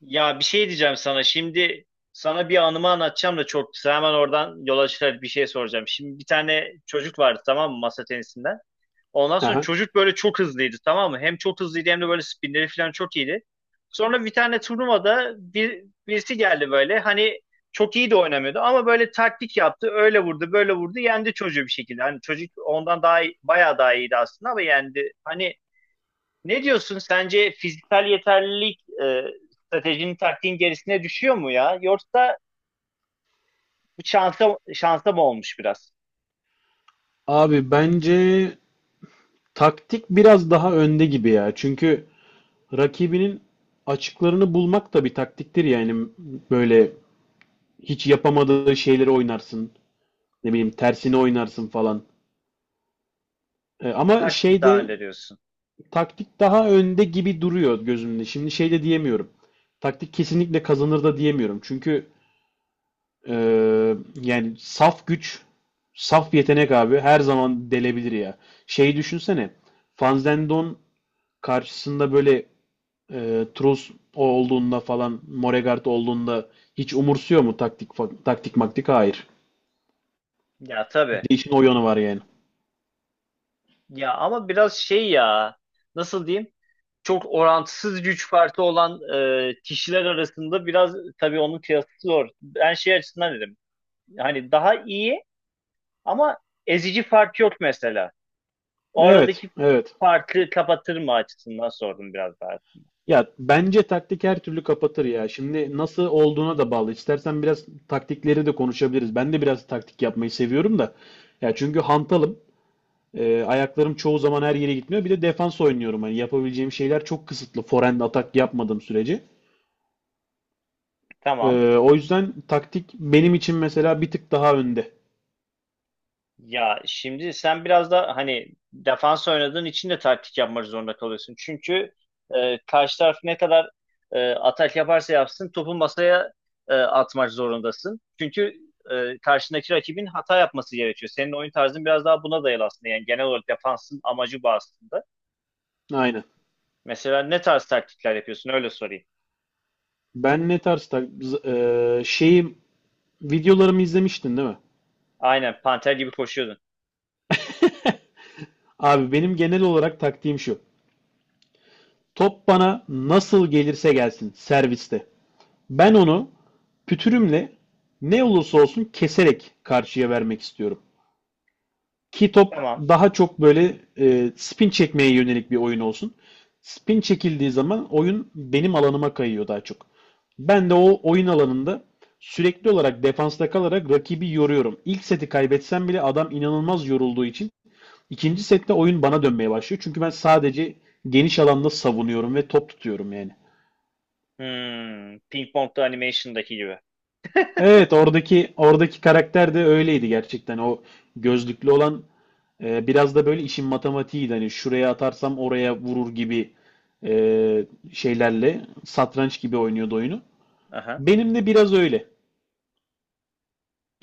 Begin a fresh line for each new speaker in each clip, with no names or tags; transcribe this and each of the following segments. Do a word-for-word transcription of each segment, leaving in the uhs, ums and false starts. Ya bir şey diyeceğim sana. Şimdi sana bir anımı anlatacağım da çok kısa. Hemen oradan yola çıkarak bir şey soracağım. Şimdi bir tane çocuk vardı tamam mı masa tenisinden. Ondan sonra
Aha.
çocuk böyle çok hızlıydı tamam mı? Hem çok hızlıydı hem de böyle spinleri falan çok iyiydi. Sonra bir tane turnuvada bir, birisi geldi böyle. Hani çok iyi de oynamıyordu ama böyle taktik yaptı. Öyle vurdu, böyle vurdu. Yendi çocuğu bir şekilde. Hani çocuk ondan daha iyi, bayağı daha iyiydi aslında ama yendi. Hani ne diyorsun? Sence fiziksel yeterlilik e, stratejinin taktiğin gerisine düşüyor mu ya? Yoksa bu şansa, şansa mı olmuş biraz?
Abi bence taktik biraz daha önde gibi ya. Çünkü rakibinin açıklarını bulmak da bir taktiktir yani. Böyle hiç yapamadığı şeyleri oynarsın. Ne bileyim tersini oynarsın falan. E, ama
Taktik daha
şeyde
önde diyorsun.
taktik daha önde gibi duruyor gözümde. Şimdi şey de diyemiyorum. Taktik kesinlikle kazanır da diyemiyorum. Çünkü e, yani saf güç, saf yetenek abi her zaman delebilir ya. Şeyi düşünsene. Van Zendon karşısında böyle e, Trus olduğunda falan Moregard olduğunda hiç umursuyor mu taktik taktik maktik? Hayır.
Ya
Bir
tabii.
de işin o yanı var yani.
Ya ama biraz şey ya, nasıl diyeyim? Çok orantısız güç farkı olan e, kişiler arasında biraz tabii onun kıyası zor. Ben şey açısından dedim. Hani daha iyi ama ezici fark yok mesela. O
Evet,
aradaki
evet.
farkı kapatır mı açısından sordum biraz daha.
Ya bence taktik her türlü kapatır ya. Şimdi nasıl olduğuna da bağlı. İstersen biraz taktikleri de konuşabiliriz. Ben de biraz taktik yapmayı seviyorum da. Ya çünkü hantalım. E, ayaklarım çoğu zaman her yere gitmiyor. Bir de defans oynuyorum. Hani yapabileceğim şeyler çok kısıtlı. Forehand atak yapmadığım sürece.
Tamam.
Ee, o yüzden taktik benim için mesela bir tık daha önde.
Ya şimdi sen biraz da hani defans oynadığın için de taktik yapmak zorunda kalıyorsun. Çünkü e, karşı taraf ne kadar e, atak yaparsa yapsın topu masaya e, atmak zorundasın. Çünkü e, karşındaki rakibin hata yapması gerekiyor. Senin oyun tarzın biraz daha buna dayalı aslında. Yani genel olarak defansın amacı bu aslında.
Aynen.
Mesela ne tarz taktikler yapıyorsun? Öyle sorayım.
Ben ne tarz tak z- ee, Şeyim, videolarımı izlemiştin değil mi?
Aynen panter gibi koşuyordun.
Abi benim genel olarak taktiğim şu. Top bana nasıl gelirse gelsin serviste. Ben onu pütürümle ne olursa olsun keserek karşıya vermek istiyorum. Ki top
Tamam.
daha çok böyle e, spin çekmeye yönelik bir oyun olsun. Spin çekildiği zaman oyun benim alanıma kayıyor daha çok. Ben de o oyun alanında sürekli olarak defansta kalarak rakibi yoruyorum. İlk seti kaybetsem bile adam inanılmaz yorulduğu için ikinci sette oyun bana dönmeye başlıyor. Çünkü ben sadece geniş alanda savunuyorum ve top tutuyorum yani.
Hmm, Ping Pong'da animation'daki gibi.
Evet, oradaki oradaki karakter de öyleydi gerçekten. O gözlüklü olan, e, biraz da böyle işin matematiğiydi. Hani şuraya atarsam oraya vurur gibi e, şeylerle satranç gibi oynuyordu oyunu. Benim de biraz öyle.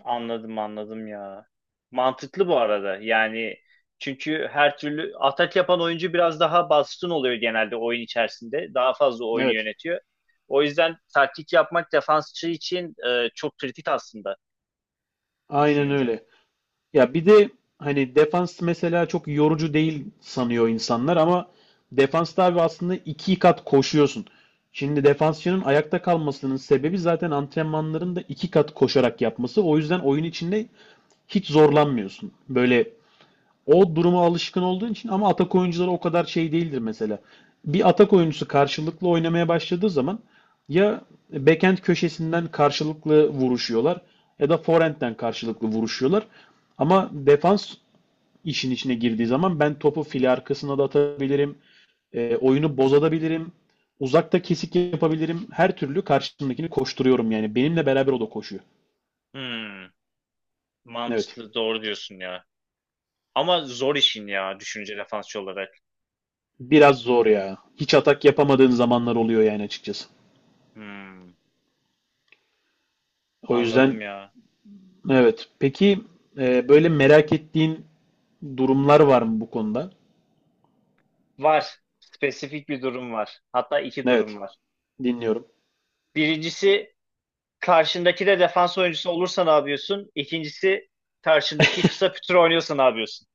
Anladım anladım ya. Mantıklı bu arada. Yani çünkü her türlü atak yapan oyuncu biraz daha baskın oluyor genelde oyun içerisinde. Daha fazla oyunu
Evet.
yönetiyor. O yüzden taktik yapmak defansçı için e, çok kritik aslında
Aynen
düşününce.
öyle. Ya bir de hani defans mesela çok yorucu değil sanıyor insanlar ama defansta abi aslında iki kat koşuyorsun. Şimdi defansçının ayakta kalmasının sebebi zaten antrenmanların da iki kat koşarak yapması. O yüzden oyun içinde hiç zorlanmıyorsun. Böyle o duruma alışkın olduğun için ama atak oyuncuları o kadar şey değildir mesela. Bir atak oyuncusu karşılıklı oynamaya başladığı zaman ya backend köşesinden karşılıklı vuruşuyorlar ya da forehand'den karşılıklı vuruşuyorlar. Ama defans işin içine girdiği zaman ben topu file arkasına da atabilirim, e, oyunu bozabilirim, uzakta kesik yapabilirim. Her türlü karşımdakini koşturuyorum yani. Benimle beraber o da koşuyor.
Hmm,
Evet.
mantıklı, doğru diyorsun ya. Ama zor işin ya düşününce defansçı olarak.
Biraz zor ya. Hiç atak yapamadığın zamanlar oluyor yani açıkçası.
Hmm,
O yüzden
anladım ya.
evet. Peki e, böyle merak ettiğin durumlar var mı bu konuda?
Var. Spesifik bir durum var. Hatta iki durum
Evet,
var.
dinliyorum.
Birincisi, Karşındaki de defans oyuncusu olursa ne yapıyorsun? İkincisi, karşındaki kısa pütür oynuyorsa ne yapıyorsun?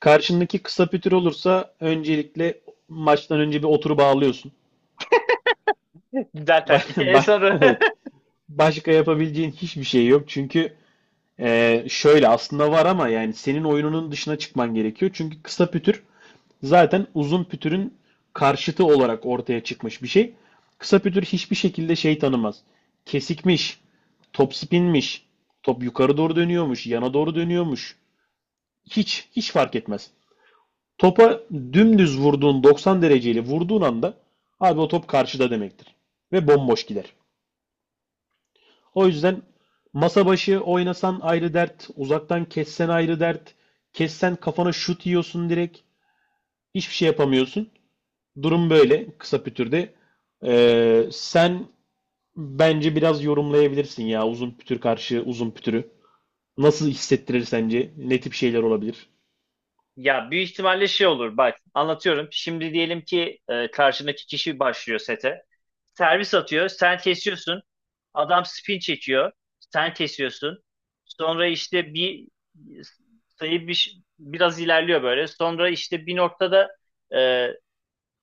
Karşındaki kısa pütür olursa öncelikle maçtan önce bir oturup ağlıyorsun.
Güzel
Ba-
taktik. En
ba-
sonu.
Evet. Başka yapabileceğin hiçbir şey yok. Çünkü Ee, şöyle aslında var ama yani senin oyununun dışına çıkman gerekiyor. Çünkü kısa pütür zaten uzun pütürün karşıtı olarak ortaya çıkmış bir şey. Kısa pütür hiçbir şekilde şey tanımaz. Kesikmiş, top spinmiş, top yukarı doğru dönüyormuş, yana doğru dönüyormuş. Hiç, hiç fark etmez. Topa dümdüz vurduğun, doksan dereceyle vurduğun anda abi o top karşıda demektir. Ve bomboş gider. O yüzden masa başı oynasan ayrı dert, uzaktan kessen ayrı dert, kessen kafana şut yiyorsun direkt. Hiçbir şey yapamıyorsun. Durum böyle kısa pütürde. Ee, sen bence biraz yorumlayabilirsin ya uzun pütür karşı uzun pütürü. Nasıl hissettirir sence? Ne tip şeyler olabilir?
Ya büyük ihtimalle şey olur, bak anlatıyorum. Şimdi diyelim ki e, karşındaki kişi başlıyor sete. Servis atıyor. Sen kesiyorsun. Adam spin çekiyor. Sen kesiyorsun. Sonra işte bir sayı, bir, biraz ilerliyor böyle. Sonra işte bir noktada e,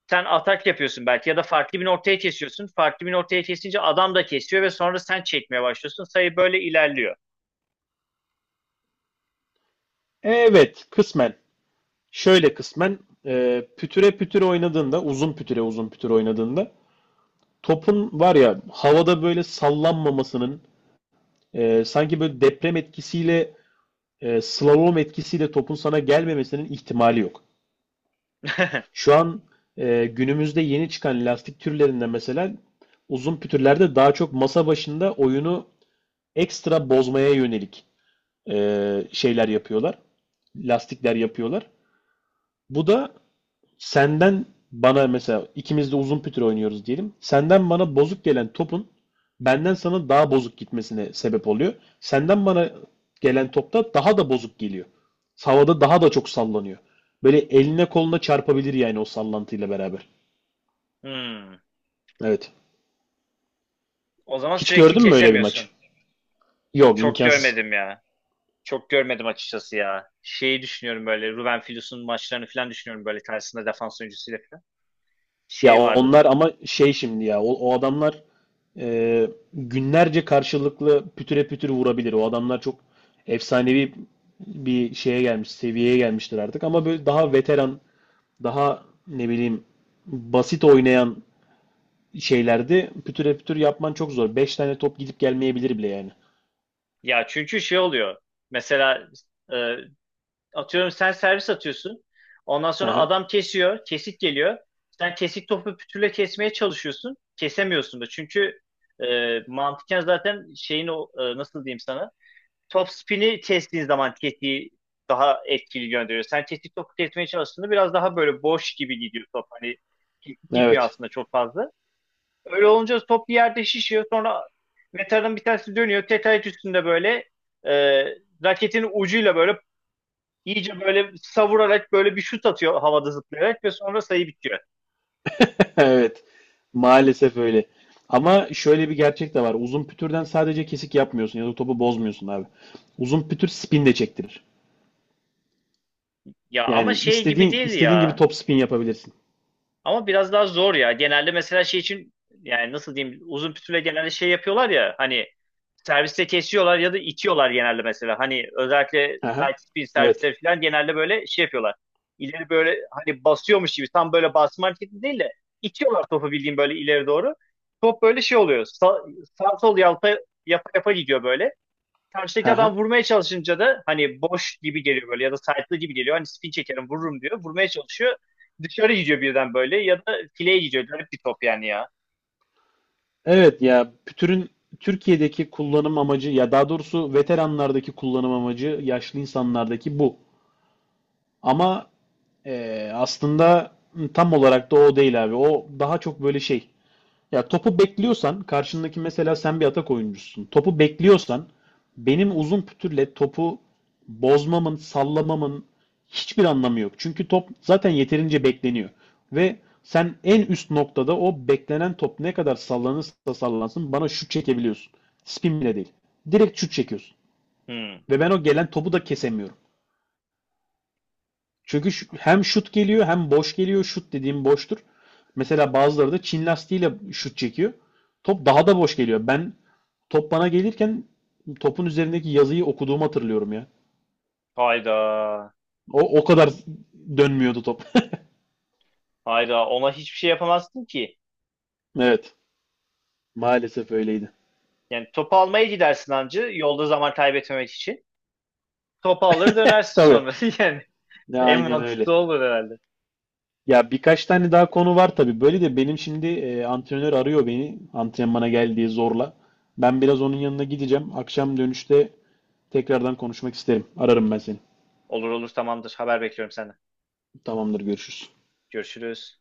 sen atak yapıyorsun belki ya da farklı bir ortaya kesiyorsun. Farklı bir ortaya kesince adam da kesiyor ve sonra sen çekmeye başlıyorsun. Sayı böyle ilerliyor.
Evet, kısmen. Şöyle kısmen e, pütüre pütüre oynadığında, uzun pütüre uzun pütüre oynadığında topun var ya havada böyle sallanmamasının, e, sanki böyle deprem etkisiyle, e, slalom etkisiyle topun sana gelmemesinin ihtimali yok. Şu an e, Günümüzde yeni çıkan lastik türlerinden mesela uzun pütürlerde daha çok masa başında oyunu ekstra bozmaya yönelik e, şeyler yapıyorlar. Lastikler yapıyorlar. Bu da senden bana, mesela ikimiz de uzun pütür oynuyoruz diyelim, senden bana bozuk gelen topun benden sana daha bozuk gitmesine sebep oluyor. Senden bana gelen topta daha da bozuk geliyor. Havada daha da çok sallanıyor. Böyle eline koluna çarpabilir yani o sallantıyla beraber.
Hmm.
Evet.
O zaman
Hiç
sürekli
gördün mü öyle bir maç?
kesemiyorsun.
Yok,
Çok
imkansız.
görmedim ya. Çok görmedim açıkçası ya. Şeyi düşünüyorum, böyle Ruben Filus'un maçlarını falan düşünüyorum böyle, karşısında defans oyuncusuyla falan.
Ya
Şey
onlar
vardı.
ama şey şimdi ya o, o adamlar e, günlerce karşılıklı pütüre pütür vurabilir. O adamlar çok efsanevi bir şeye gelmiş, seviyeye gelmiştir artık. Ama böyle daha veteran, daha ne bileyim basit oynayan şeylerde pütüre pütür yapman çok zor. Beş tane top gidip gelmeyebilir bile yani.
Ya çünkü şey oluyor. Mesela e, atıyorum sen servis atıyorsun. Ondan sonra
Aha.
adam kesiyor. Kesik geliyor. Sen kesik topu pütürle kesmeye çalışıyorsun. Kesemiyorsun da. Çünkü e, mantıken zaten şeyin o, e, nasıl diyeyim sana. Top spin'i kestiğin zaman kesiği daha etkili gönderiyor. Sen kesik topu kesmeye çalıştığında biraz daha böyle boş gibi gidiyor top. Hani kesik gitmiyor
Evet.
aslında çok fazla. Öyle olunca top bir yerde şişiyor. Sonra metanın bir tanesi dönüyor. Tetayet üstünde böyle, e, raketin ucuyla böyle İyice böyle savurarak böyle bir şut atıyor havada zıplayarak ve sonra sayı bitiyor.
Evet. Maalesef öyle. Ama şöyle bir gerçek de var. Uzun pütürden sadece kesik yapmıyorsun ya da topu bozmuyorsun abi. Uzun pütür spin de çektirir.
Ya ama
Yani
şey gibi
istediğin
değil
istediğin gibi
ya.
top spin yapabilirsin.
Ama biraz daha zor ya. Genelde mesela şey için, yani nasıl diyeyim, uzun pütüle genelde şey yapıyorlar ya, hani serviste kesiyorlar ya da itiyorlar genelde mesela. Hani özellikle
Aha.
side spin
Evet.
servisleri falan genelde böyle şey yapıyorlar. İleri böyle, hani basıyormuş gibi, tam böyle basma hareketi değil de itiyorlar topu bildiğin böyle ileri doğru. Top böyle şey oluyor. Sa sağ sol yalpa yapa yapa gidiyor böyle. karşıdaki
Aha.
adam vurmaya çalışınca da hani boş gibi geliyor böyle ya da side'lı gibi geliyor. Hani spin çekerim vururum diyor. Vurmaya çalışıyor. Dışarı gidiyor birden böyle ya da fileye gidiyor. Garip bir top yani ya.
Evet ya, pütürün Türkiye'deki kullanım amacı, ya daha doğrusu veteranlardaki kullanım amacı, yaşlı insanlardaki bu. Ama e, aslında tam olarak da o değil abi. O daha çok böyle şey. Ya topu bekliyorsan karşındaki, mesela sen bir atak oyuncusun, topu bekliyorsan benim uzun pütürle topu bozmamın, sallamamın hiçbir anlamı yok. Çünkü top zaten yeterince bekleniyor. Ve sen en üst noktada o beklenen top ne kadar sallanırsa sallansın bana şut çekebiliyorsun. Spin bile değil. Direkt şut çekiyorsun.
Hmm.
Ve ben o gelen topu da kesemiyorum. Çünkü hem şut geliyor hem boş geliyor. Şut dediğim boştur. Mesela bazıları da Çin lastiğiyle şut çekiyor. Top daha da boş geliyor. Ben top bana gelirken topun üzerindeki yazıyı okuduğumu hatırlıyorum ya.
Hayda.
O, o kadar dönmüyordu top.
Hayda. Ona hiçbir şey yapamazsın ki.
Evet. Maalesef öyleydi.
Yani topu almaya gidersin ancı yolda zaman kaybetmemek için. Topu alır dönersin
Tabii.
sonra. Yani
Ya
en
aynen öyle.
mantıklı olur herhalde.
Ya birkaç tane daha konu var tabii. Böyle de benim şimdi e, antrenör arıyor beni. Antrenmana gel diye zorla. Ben biraz onun yanına gideceğim. Akşam dönüşte tekrardan konuşmak isterim. Ararım ben seni.
Olur olur, tamamdır. Haber bekliyorum senden.
Tamamdır, görüşürüz.
Görüşürüz.